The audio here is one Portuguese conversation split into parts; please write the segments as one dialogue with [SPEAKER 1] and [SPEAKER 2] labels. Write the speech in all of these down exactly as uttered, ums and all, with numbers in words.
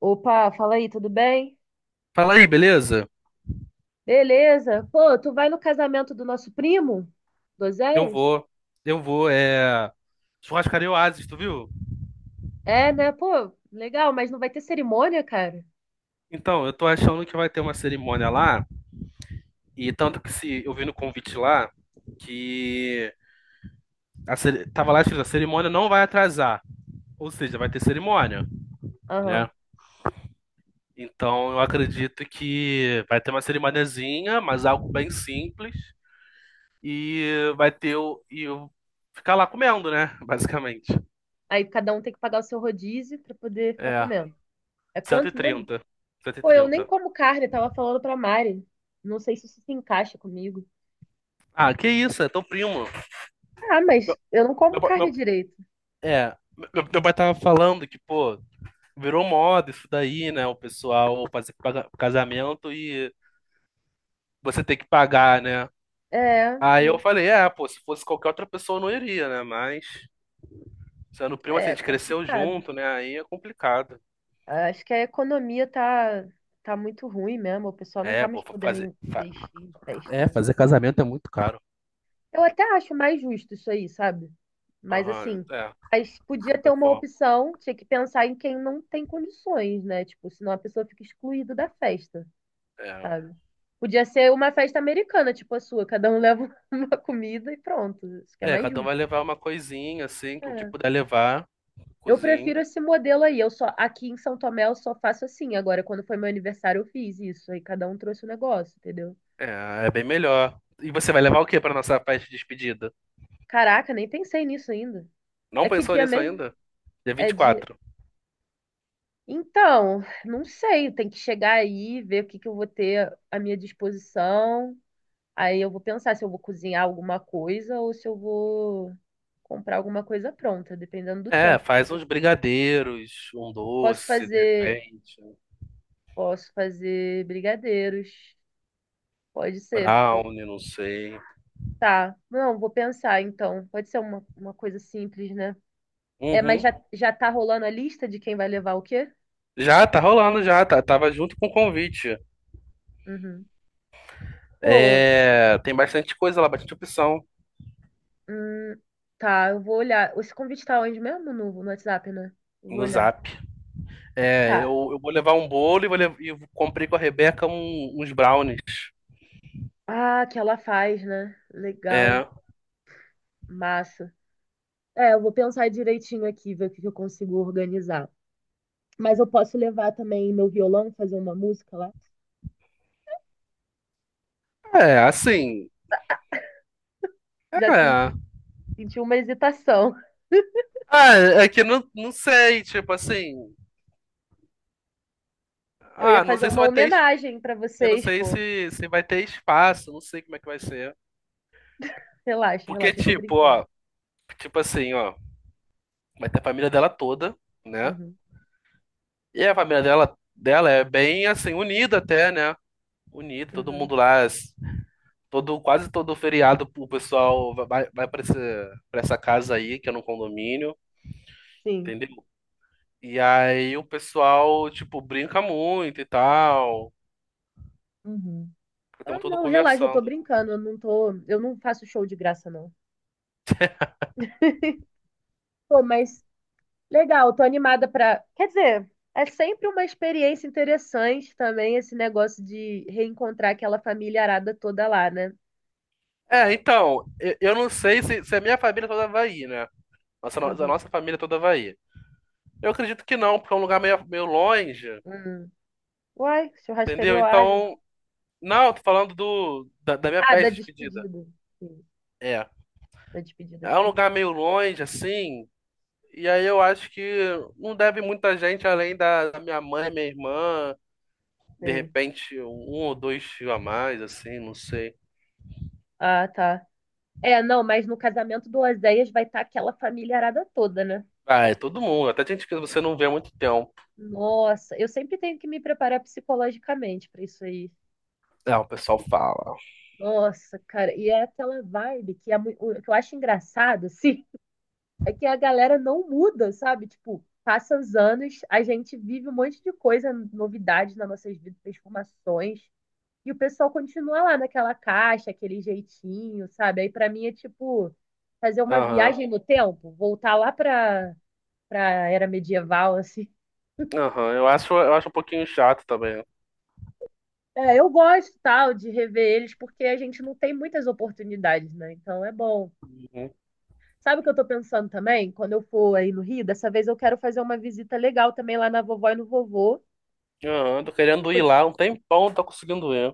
[SPEAKER 1] Opa, fala aí, tudo bem?
[SPEAKER 2] Fala aí, beleza?
[SPEAKER 1] Beleza. Pô, tu vai no casamento do nosso primo? Do
[SPEAKER 2] Eu
[SPEAKER 1] Oséias?
[SPEAKER 2] vou. Eu vou, é. Churrascaria Oasis, tu viu?
[SPEAKER 1] É, né? Pô, legal, mas não vai ter cerimônia, cara?
[SPEAKER 2] Então, eu tô achando que vai ter uma cerimônia lá. E tanto que se eu vi no convite lá que a cere- tava lá escrito, a cerimônia não vai atrasar. Ou seja, vai ter cerimônia, né?
[SPEAKER 1] Aham.
[SPEAKER 2] Então eu acredito que vai ter uma cerimoniazinha, mas algo bem simples. E vai ter o. E eu ficar lá comendo, né? Basicamente.
[SPEAKER 1] Aí cada um tem que pagar o seu rodízio pra poder ficar
[SPEAKER 2] É.
[SPEAKER 1] comendo. É
[SPEAKER 2] Cento Cento e
[SPEAKER 1] quanto mesmo?
[SPEAKER 2] trinta. cento e
[SPEAKER 1] Pô, eu nem
[SPEAKER 2] trinta.
[SPEAKER 1] como carne, tava falando pra Mari. Não sei se isso se encaixa comigo.
[SPEAKER 2] Ah, que isso, é tão primo.
[SPEAKER 1] Ah, mas
[SPEAKER 2] Meu,
[SPEAKER 1] eu não como
[SPEAKER 2] meu, pa-
[SPEAKER 1] carne
[SPEAKER 2] meu-
[SPEAKER 1] direito.
[SPEAKER 2] é, meu, meu pai tava falando que, pô, virou moda isso daí, né? O pessoal fazer paga- casamento e você ter que pagar, né?
[SPEAKER 1] É,
[SPEAKER 2] Aí eu
[SPEAKER 1] meio-
[SPEAKER 2] falei, é, pô, se fosse qualquer outra pessoa eu não iria, né? Mas, sendo primo, assim, a
[SPEAKER 1] é
[SPEAKER 2] gente cresceu
[SPEAKER 1] complicado.
[SPEAKER 2] junto, né? Aí é complicado.
[SPEAKER 1] Acho que a economia tá, tá muito ruim mesmo. O pessoal não tá
[SPEAKER 2] É,
[SPEAKER 1] mais
[SPEAKER 2] pô, fa-
[SPEAKER 1] podendo
[SPEAKER 2] fazer.
[SPEAKER 1] in-
[SPEAKER 2] fa-
[SPEAKER 1] investir em festa,
[SPEAKER 2] É,
[SPEAKER 1] né?
[SPEAKER 2] fazer casamento é muito caro.
[SPEAKER 1] Eu até acho mais justo isso aí, sabe? Mas
[SPEAKER 2] Aham,
[SPEAKER 1] assim,
[SPEAKER 2] é,
[SPEAKER 1] mas
[SPEAKER 2] de
[SPEAKER 1] podia ter
[SPEAKER 2] certa
[SPEAKER 1] uma
[SPEAKER 2] forma.
[SPEAKER 1] opção, tinha que pensar em quem não tem condições, né? Tipo, senão a pessoa fica excluída da festa,
[SPEAKER 2] É.
[SPEAKER 1] sabe? Podia ser uma festa americana, tipo a sua, cada um leva uma comida e pronto. Isso que é
[SPEAKER 2] É,
[SPEAKER 1] mais
[SPEAKER 2] cada um
[SPEAKER 1] justo.
[SPEAKER 2] vai levar uma coisinha, assim, que o que
[SPEAKER 1] É.
[SPEAKER 2] puder levar,
[SPEAKER 1] Eu
[SPEAKER 2] cozinho.
[SPEAKER 1] prefiro esse modelo aí. Eu só aqui em São Tomé eu só faço assim. Agora, quando foi meu aniversário, eu fiz isso. Aí cada um trouxe o negócio, entendeu?
[SPEAKER 2] É, é bem melhor. E você vai levar o que pra nossa festa de despedida?
[SPEAKER 1] Caraca, nem pensei nisso ainda.
[SPEAKER 2] Não
[SPEAKER 1] É que
[SPEAKER 2] pensou
[SPEAKER 1] dia
[SPEAKER 2] nisso
[SPEAKER 1] mesmo?
[SPEAKER 2] ainda? Dia vinte
[SPEAKER 1] É
[SPEAKER 2] e
[SPEAKER 1] de
[SPEAKER 2] quatro.
[SPEAKER 1] Então, não sei, tem que chegar aí, ver o que que eu vou ter à minha disposição. Aí eu vou pensar se eu vou cozinhar alguma coisa ou se eu vou comprar alguma coisa pronta, dependendo do
[SPEAKER 2] É,
[SPEAKER 1] tempo.
[SPEAKER 2] faz uns brigadeiros, um
[SPEAKER 1] Eu Posso
[SPEAKER 2] doce, de
[SPEAKER 1] fazer,
[SPEAKER 2] repente, um
[SPEAKER 1] Posso fazer brigadeiros, pode ser, pode
[SPEAKER 2] brownie, não sei.
[SPEAKER 1] tá. Não, vou pensar então. Pode ser uma, uma coisa simples, né? É, mas
[SPEAKER 2] Uhum.
[SPEAKER 1] já, já tá rolando a lista de quem vai levar o quê?
[SPEAKER 2] Já, tá rolando já, tá, tava junto com o convite.
[SPEAKER 1] Uhum. Pô,
[SPEAKER 2] É, tem bastante coisa lá, bastante opção
[SPEAKER 1] Hum, tá, eu vou olhar. Esse convite tá onde mesmo? No, no WhatsApp, né? Eu vou
[SPEAKER 2] no
[SPEAKER 1] olhar.
[SPEAKER 2] Zap. É,
[SPEAKER 1] Tá.
[SPEAKER 2] eu, eu vou levar um bolo e vou lev- e comprei com a Rebeca um- uns brownies.
[SPEAKER 1] Ah, que ela faz, né? Legal.
[SPEAKER 2] É,
[SPEAKER 1] Massa. É, eu vou pensar direitinho aqui, ver o que que eu consigo organizar. Mas eu posso levar também meu violão, fazer uma música lá?
[SPEAKER 2] é, assim,
[SPEAKER 1] Já sen-
[SPEAKER 2] é.
[SPEAKER 1] Senti uma hesitação.
[SPEAKER 2] Ah, é que não, não sei, tipo assim.
[SPEAKER 1] Eu ia
[SPEAKER 2] Ah, não
[SPEAKER 1] fazer
[SPEAKER 2] sei se
[SPEAKER 1] uma
[SPEAKER 2] vai ter.
[SPEAKER 1] homenagem pra
[SPEAKER 2] Eu não
[SPEAKER 1] vocês,
[SPEAKER 2] sei
[SPEAKER 1] pô.
[SPEAKER 2] se, se vai ter espaço, não sei como é que vai ser.
[SPEAKER 1] Relaxa,
[SPEAKER 2] Porque,
[SPEAKER 1] relaxa, eu tô
[SPEAKER 2] tipo,
[SPEAKER 1] brincando.
[SPEAKER 2] ó, tipo assim, ó, vai ter a família dela toda, né?
[SPEAKER 1] Uhum,
[SPEAKER 2] E a família dela, dela é bem assim, unida até, né? Unida, todo
[SPEAKER 1] uhum.
[SPEAKER 2] mundo lá, s- todo, quase todo feriado o pessoal vai, vai pra, esse, pra essa casa aí, que é num condomínio,
[SPEAKER 1] Sim.
[SPEAKER 2] entendeu? E aí o pessoal, tipo, brinca muito e tal,
[SPEAKER 1] Uhum. Ah,
[SPEAKER 2] ficam todo
[SPEAKER 1] não, relaxa, eu tô
[SPEAKER 2] conversando.
[SPEAKER 1] brincando, eu não tô, eu não faço show de graça, não. Pô, mas Legal, tô animada pra. Quer dizer, é sempre uma experiência interessante também esse negócio de reencontrar aquela família arada toda lá, né?
[SPEAKER 2] É, então, eu, eu não sei se, se a minha família toda vai ir, né? Nossa, no- da
[SPEAKER 1] Uhum.
[SPEAKER 2] nossa família toda Havaí. Eu acredito que não, porque é um lugar meio, meio longe,
[SPEAKER 1] Uhum. Uai, churrascaria
[SPEAKER 2] entendeu?
[SPEAKER 1] Oasis.
[SPEAKER 2] Então, não, tô falando do, da, da minha
[SPEAKER 1] Ah,
[SPEAKER 2] festa
[SPEAKER 1] da
[SPEAKER 2] de despedida.
[SPEAKER 1] despedida. Sim,
[SPEAKER 2] É.
[SPEAKER 1] da despedida, acho
[SPEAKER 2] É um
[SPEAKER 1] que eu não
[SPEAKER 2] lugar meio longe, assim, e aí eu acho que não deve muita gente além da, da minha mãe, minha irmã, de
[SPEAKER 1] sei.
[SPEAKER 2] repente um ou dois tios a mais, assim, não sei.
[SPEAKER 1] Ah, tá. É, não, mas no casamento do Oséias vai estar aquela família arada toda, né?
[SPEAKER 2] Ah, é todo mundo, até gente que você não vê há muito tempo.
[SPEAKER 1] Nossa, eu sempre tenho que me preparar psicologicamente pra isso aí.
[SPEAKER 2] É, o pessoal fala.
[SPEAKER 1] Nossa, cara, e é aquela vibe que, é, mui- o que eu acho engraçado, assim. É que a galera não muda, sabe? Tipo, passa os anos, a gente vive um monte de coisa, novidades nas nossas vidas, transformações, e o pessoal continua lá naquela caixa, aquele jeitinho, sabe? Aí pra mim é tipo fazer uma
[SPEAKER 2] Aham,
[SPEAKER 1] viagem no tempo, voltar lá pra, pra era medieval, assim.
[SPEAKER 2] aham, eu acho, eu acho um pouquinho chato também.
[SPEAKER 1] É, eu gosto, tal, de rever eles, porque a gente não tem muitas oportunidades, né? Então é bom.
[SPEAKER 2] Uhum.
[SPEAKER 1] Sabe o que eu tô pensando também? Quando eu for aí no Rio, dessa vez eu quero fazer uma visita legal também lá na vovó e no vovô.
[SPEAKER 2] Aham, tô querendo ir lá um tempão, não tô conseguindo ir.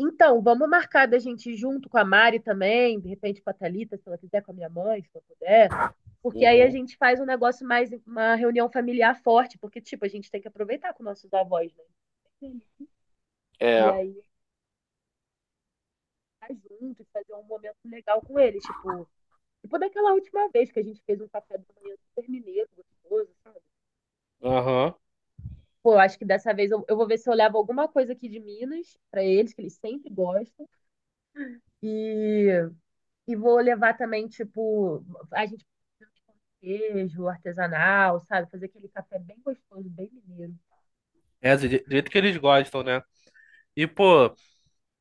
[SPEAKER 1] Então, vamos marcar da gente ir junto com a Mari também, de repente com a Thalita, se ela quiser, com a minha mãe, se ela puder. Porque aí a
[SPEAKER 2] Uhum.
[SPEAKER 1] gente faz um negócio mais, uma reunião familiar forte, porque, tipo, a gente tem que aproveitar com nossos avós, né? E
[SPEAKER 2] É,
[SPEAKER 1] aí ficar junto e fazer um momento legal com eles, tipo, tipo daquela última vez que a gente fez um café da manhã super mineiro, gostoso, sabe?
[SPEAKER 2] aham.
[SPEAKER 1] Pô, eu acho que dessa vez eu, eu vou ver se eu levo alguma coisa aqui de Minas pra eles, que eles sempre gostam. E E vou levar também, tipo, a gente pode fazer um queijo artesanal, sabe? Fazer aquele café bem gostoso, bem mineiro.
[SPEAKER 2] É, do je- do jeito que eles gostam, né? E, pô,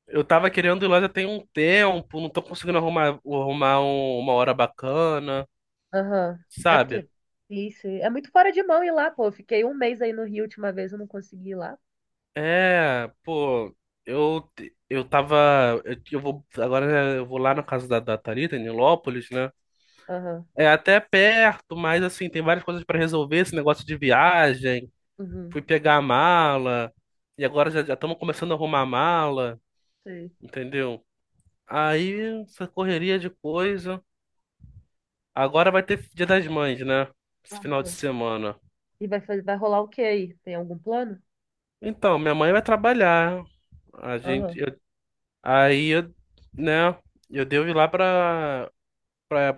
[SPEAKER 2] eu tava querendo ir lá já tem um tempo, não tô conseguindo arrumar, arrumar um- uma hora bacana,
[SPEAKER 1] Aham. É
[SPEAKER 2] sabe?
[SPEAKER 1] porque. Isso. É muito fora de mão ir lá, pô. Eu fiquei um mês aí no Rio, a última vez eu não consegui ir lá.
[SPEAKER 2] É, pô, eu, te- eu tava. Eu, eu vou, agora né, eu vou lá na casa da, da Thalita, em Nilópolis, né?
[SPEAKER 1] Aham,
[SPEAKER 2] É até perto, mas assim, tem várias coisas pra resolver, esse negócio de viagem.
[SPEAKER 1] Uhum.
[SPEAKER 2] Fui pegar a mala, e agora já estamos começando a arrumar a mala,
[SPEAKER 1] Sei.
[SPEAKER 2] entendeu? Aí, essa correria de coisa. Agora vai ter Dia das Mães, né? Esse final de
[SPEAKER 1] Aham.
[SPEAKER 2] semana.
[SPEAKER 1] E vai, fazer, vai rolar o que aí? Tem algum plano?
[SPEAKER 2] Então, minha mãe vai trabalhar. A gente,
[SPEAKER 1] Aham,
[SPEAKER 2] eu- aí, eu, né? Eu devo ir lá pra, pra,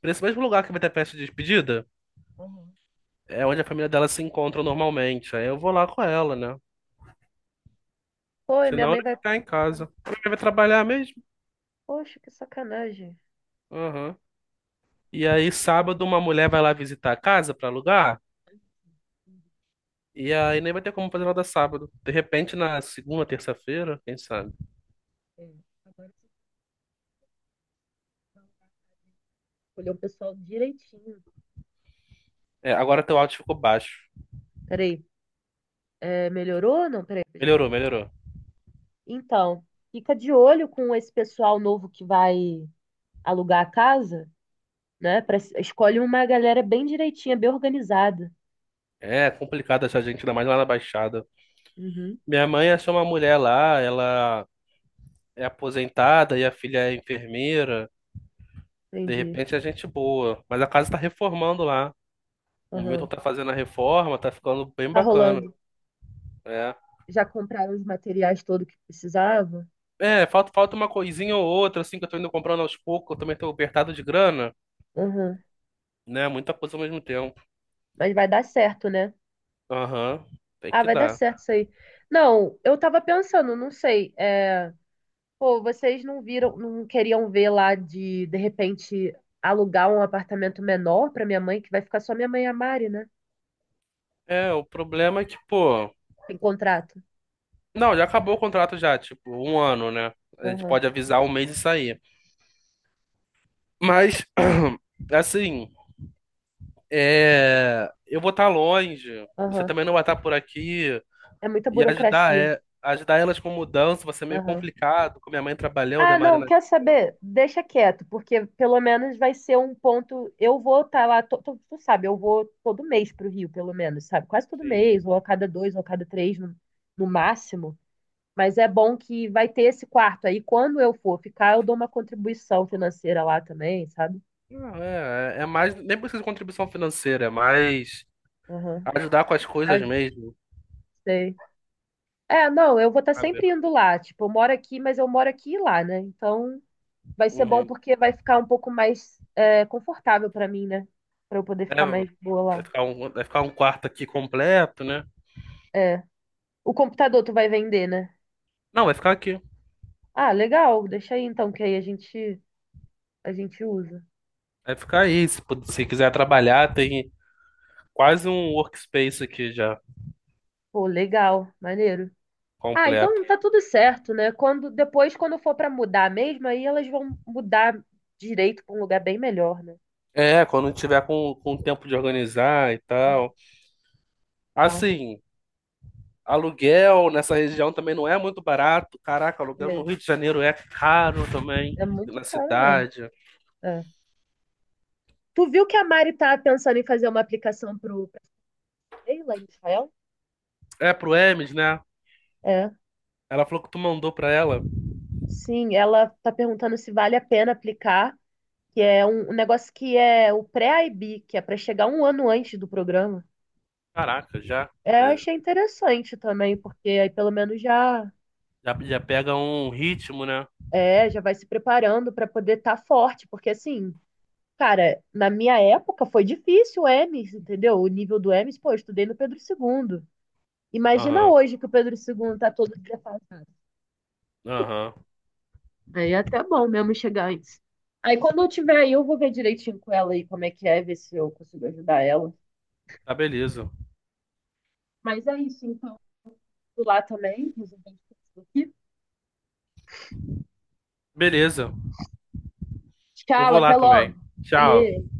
[SPEAKER 2] pra esse mesmo lugar que vai ter festa de despedida.
[SPEAKER 1] aham.
[SPEAKER 2] É onde a família dela se encontra normalmente. Aí eu vou lá com ela, né?
[SPEAKER 1] Pô, e minha
[SPEAKER 2] Senão eu
[SPEAKER 1] mãe
[SPEAKER 2] ia
[SPEAKER 1] vai.
[SPEAKER 2] ficar em casa. Ela vai trabalhar mesmo?
[SPEAKER 1] Poxa, que sacanagem.
[SPEAKER 2] Aham. E aí, sábado, uma mulher vai lá visitar a casa pra alugar. E aí nem vai ter como fazer nada sábado. De repente, na segunda, terça-feira, quem sabe?
[SPEAKER 1] É, agora você vai escolher o pessoal direitinho.
[SPEAKER 2] É, agora teu áudio ficou baixo.
[SPEAKER 1] Peraí, é, melhorou ou não? Peraí, gente.
[SPEAKER 2] Melhorou, melhorou.
[SPEAKER 1] Então, fica de olho com esse pessoal novo que vai alugar a casa, né? Pra- escolhe uma galera bem direitinha, bem organizada.
[SPEAKER 2] É complicado achar gente, ainda mais lá na Baixada.
[SPEAKER 1] Uhum,
[SPEAKER 2] Minha mãe achou uma mulher lá, ela é aposentada e a filha é enfermeira. De
[SPEAKER 1] entendi.
[SPEAKER 2] repente é gente boa. Mas a casa tá reformando lá. O Milton
[SPEAKER 1] Aham.
[SPEAKER 2] tá fazendo a reforma, tá ficando bem
[SPEAKER 1] Tá
[SPEAKER 2] bacana.
[SPEAKER 1] rolando.
[SPEAKER 2] É.
[SPEAKER 1] Já compraram os materiais todo que precisava?
[SPEAKER 2] É, falta, falta uma coisinha ou outra, assim, que eu tô indo comprando aos poucos, eu também tô apertado de grana.
[SPEAKER 1] Aham.
[SPEAKER 2] Né? Muita coisa ao mesmo tempo.
[SPEAKER 1] Mas vai dar certo, né?
[SPEAKER 2] Aham, tem
[SPEAKER 1] Ah,
[SPEAKER 2] que
[SPEAKER 1] vai dar
[SPEAKER 2] dar.
[SPEAKER 1] certo isso aí. Não, eu tava pensando, não sei. É, pô, vocês não viram, não queriam ver lá de, de repente, alugar um apartamento menor pra minha mãe, que vai ficar só minha mãe e a Mari, né?
[SPEAKER 2] É, o problema é que, pô.
[SPEAKER 1] Tem contrato.
[SPEAKER 2] Não, já acabou o contrato já, tipo, um ano, né? A gente
[SPEAKER 1] Aham,
[SPEAKER 2] pode avisar um mês e sair. Mas, assim, é... eu vou estar longe, você
[SPEAKER 1] aham.
[SPEAKER 2] também não vai estar por aqui,
[SPEAKER 1] É muita
[SPEAKER 2] e ajudar,
[SPEAKER 1] burocracia.
[SPEAKER 2] é... ajudar elas com mudança vai ser meio
[SPEAKER 1] Aham.
[SPEAKER 2] complicado, com minha mãe trabalhando, a
[SPEAKER 1] Ah,
[SPEAKER 2] Maria
[SPEAKER 1] não,
[SPEAKER 2] na
[SPEAKER 1] quer
[SPEAKER 2] escola,
[SPEAKER 1] saber? Deixa quieto, porque pelo menos vai ser um ponto. Eu vou estar lá, to- to- tu sabe, eu vou todo mês para o Rio, pelo menos, sabe? Quase todo
[SPEAKER 2] enfim.
[SPEAKER 1] mês, ou a cada dois, ou a cada três, no, no máximo. Mas é bom que vai ter esse quarto aí. Quando eu for ficar, eu dou uma contribuição financeira lá também, sabe?
[SPEAKER 2] Não, é, é é mais, nem precisa de contribuição financeira, é mais
[SPEAKER 1] Aham.
[SPEAKER 2] ajudar com as
[SPEAKER 1] Ah,
[SPEAKER 2] coisas mesmo,
[SPEAKER 1] sei. É, não, eu vou estar sempre
[SPEAKER 2] sabe?
[SPEAKER 1] indo lá. Tipo, eu moro aqui, mas eu moro aqui e lá, né? Então. Vai ser bom porque vai ficar um pouco mais é, confortável pra mim, né? Pra eu poder
[SPEAKER 2] É,
[SPEAKER 1] ficar mais boa
[SPEAKER 2] vai
[SPEAKER 1] lá.
[SPEAKER 2] ficar um, vai ficar um quarto aqui completo, né?
[SPEAKER 1] É. O computador tu vai vender, né?
[SPEAKER 2] Não, vai ficar aqui.
[SPEAKER 1] Ah, legal. Deixa aí então, que aí a gente a gente usa.
[SPEAKER 2] Vai ficar aí. Se, pu- se quiser trabalhar, tem quase um workspace aqui já
[SPEAKER 1] Pô, legal, maneiro. Ah,
[SPEAKER 2] completo.
[SPEAKER 1] então tá tudo certo, né? Quando depois quando for pra mudar mesmo, aí elas vão mudar direito pra um lugar bem melhor, né?
[SPEAKER 2] É, quando tiver com, com tempo de organizar e tal.
[SPEAKER 1] Ah,
[SPEAKER 2] Assim, aluguel nessa região também não é muito barato. Caraca, aluguel no
[SPEAKER 1] é,
[SPEAKER 2] Rio de Janeiro é caro também,
[SPEAKER 1] é muito
[SPEAKER 2] na
[SPEAKER 1] caro mesmo.
[SPEAKER 2] cidade.
[SPEAKER 1] É. Tu viu que a Mari tá pensando em fazer uma aplicação pro pra sei lá, em Israel?
[SPEAKER 2] É pro Hermes, né?
[SPEAKER 1] É.
[SPEAKER 2] Ela falou que tu mandou pra ela.
[SPEAKER 1] Sim, ela está perguntando se vale a pena aplicar, que é um, um negócio que é o pré-I B, que é para chegar um ano antes do programa.
[SPEAKER 2] Caraca, já,
[SPEAKER 1] É, eu
[SPEAKER 2] é,
[SPEAKER 1] achei interessante também, porque aí pelo menos já
[SPEAKER 2] já, já pega um ritmo, né?
[SPEAKER 1] é, já vai se preparando para poder estar forte, porque assim, cara, na minha época foi difícil o EMES, entendeu? O nível do EMES, pô, eu estudei no Pedro Segundo. Imagina
[SPEAKER 2] Aham,
[SPEAKER 1] hoje que o Pedro Segundo está todo defasado.
[SPEAKER 2] aham.
[SPEAKER 1] Aí é até bom mesmo chegar antes. Aí quando eu tiver aí, eu vou ver direitinho com ela aí como é que é, ver se eu consigo ajudar ela.
[SPEAKER 2] Tá, beleza.
[SPEAKER 1] Mas é isso, então. Vou lá também, resolver isso aqui.
[SPEAKER 2] Beleza. Eu
[SPEAKER 1] Tchau,
[SPEAKER 2] vou lá
[SPEAKER 1] até
[SPEAKER 2] também.
[SPEAKER 1] logo.
[SPEAKER 2] Tchau.
[SPEAKER 1] Valeu.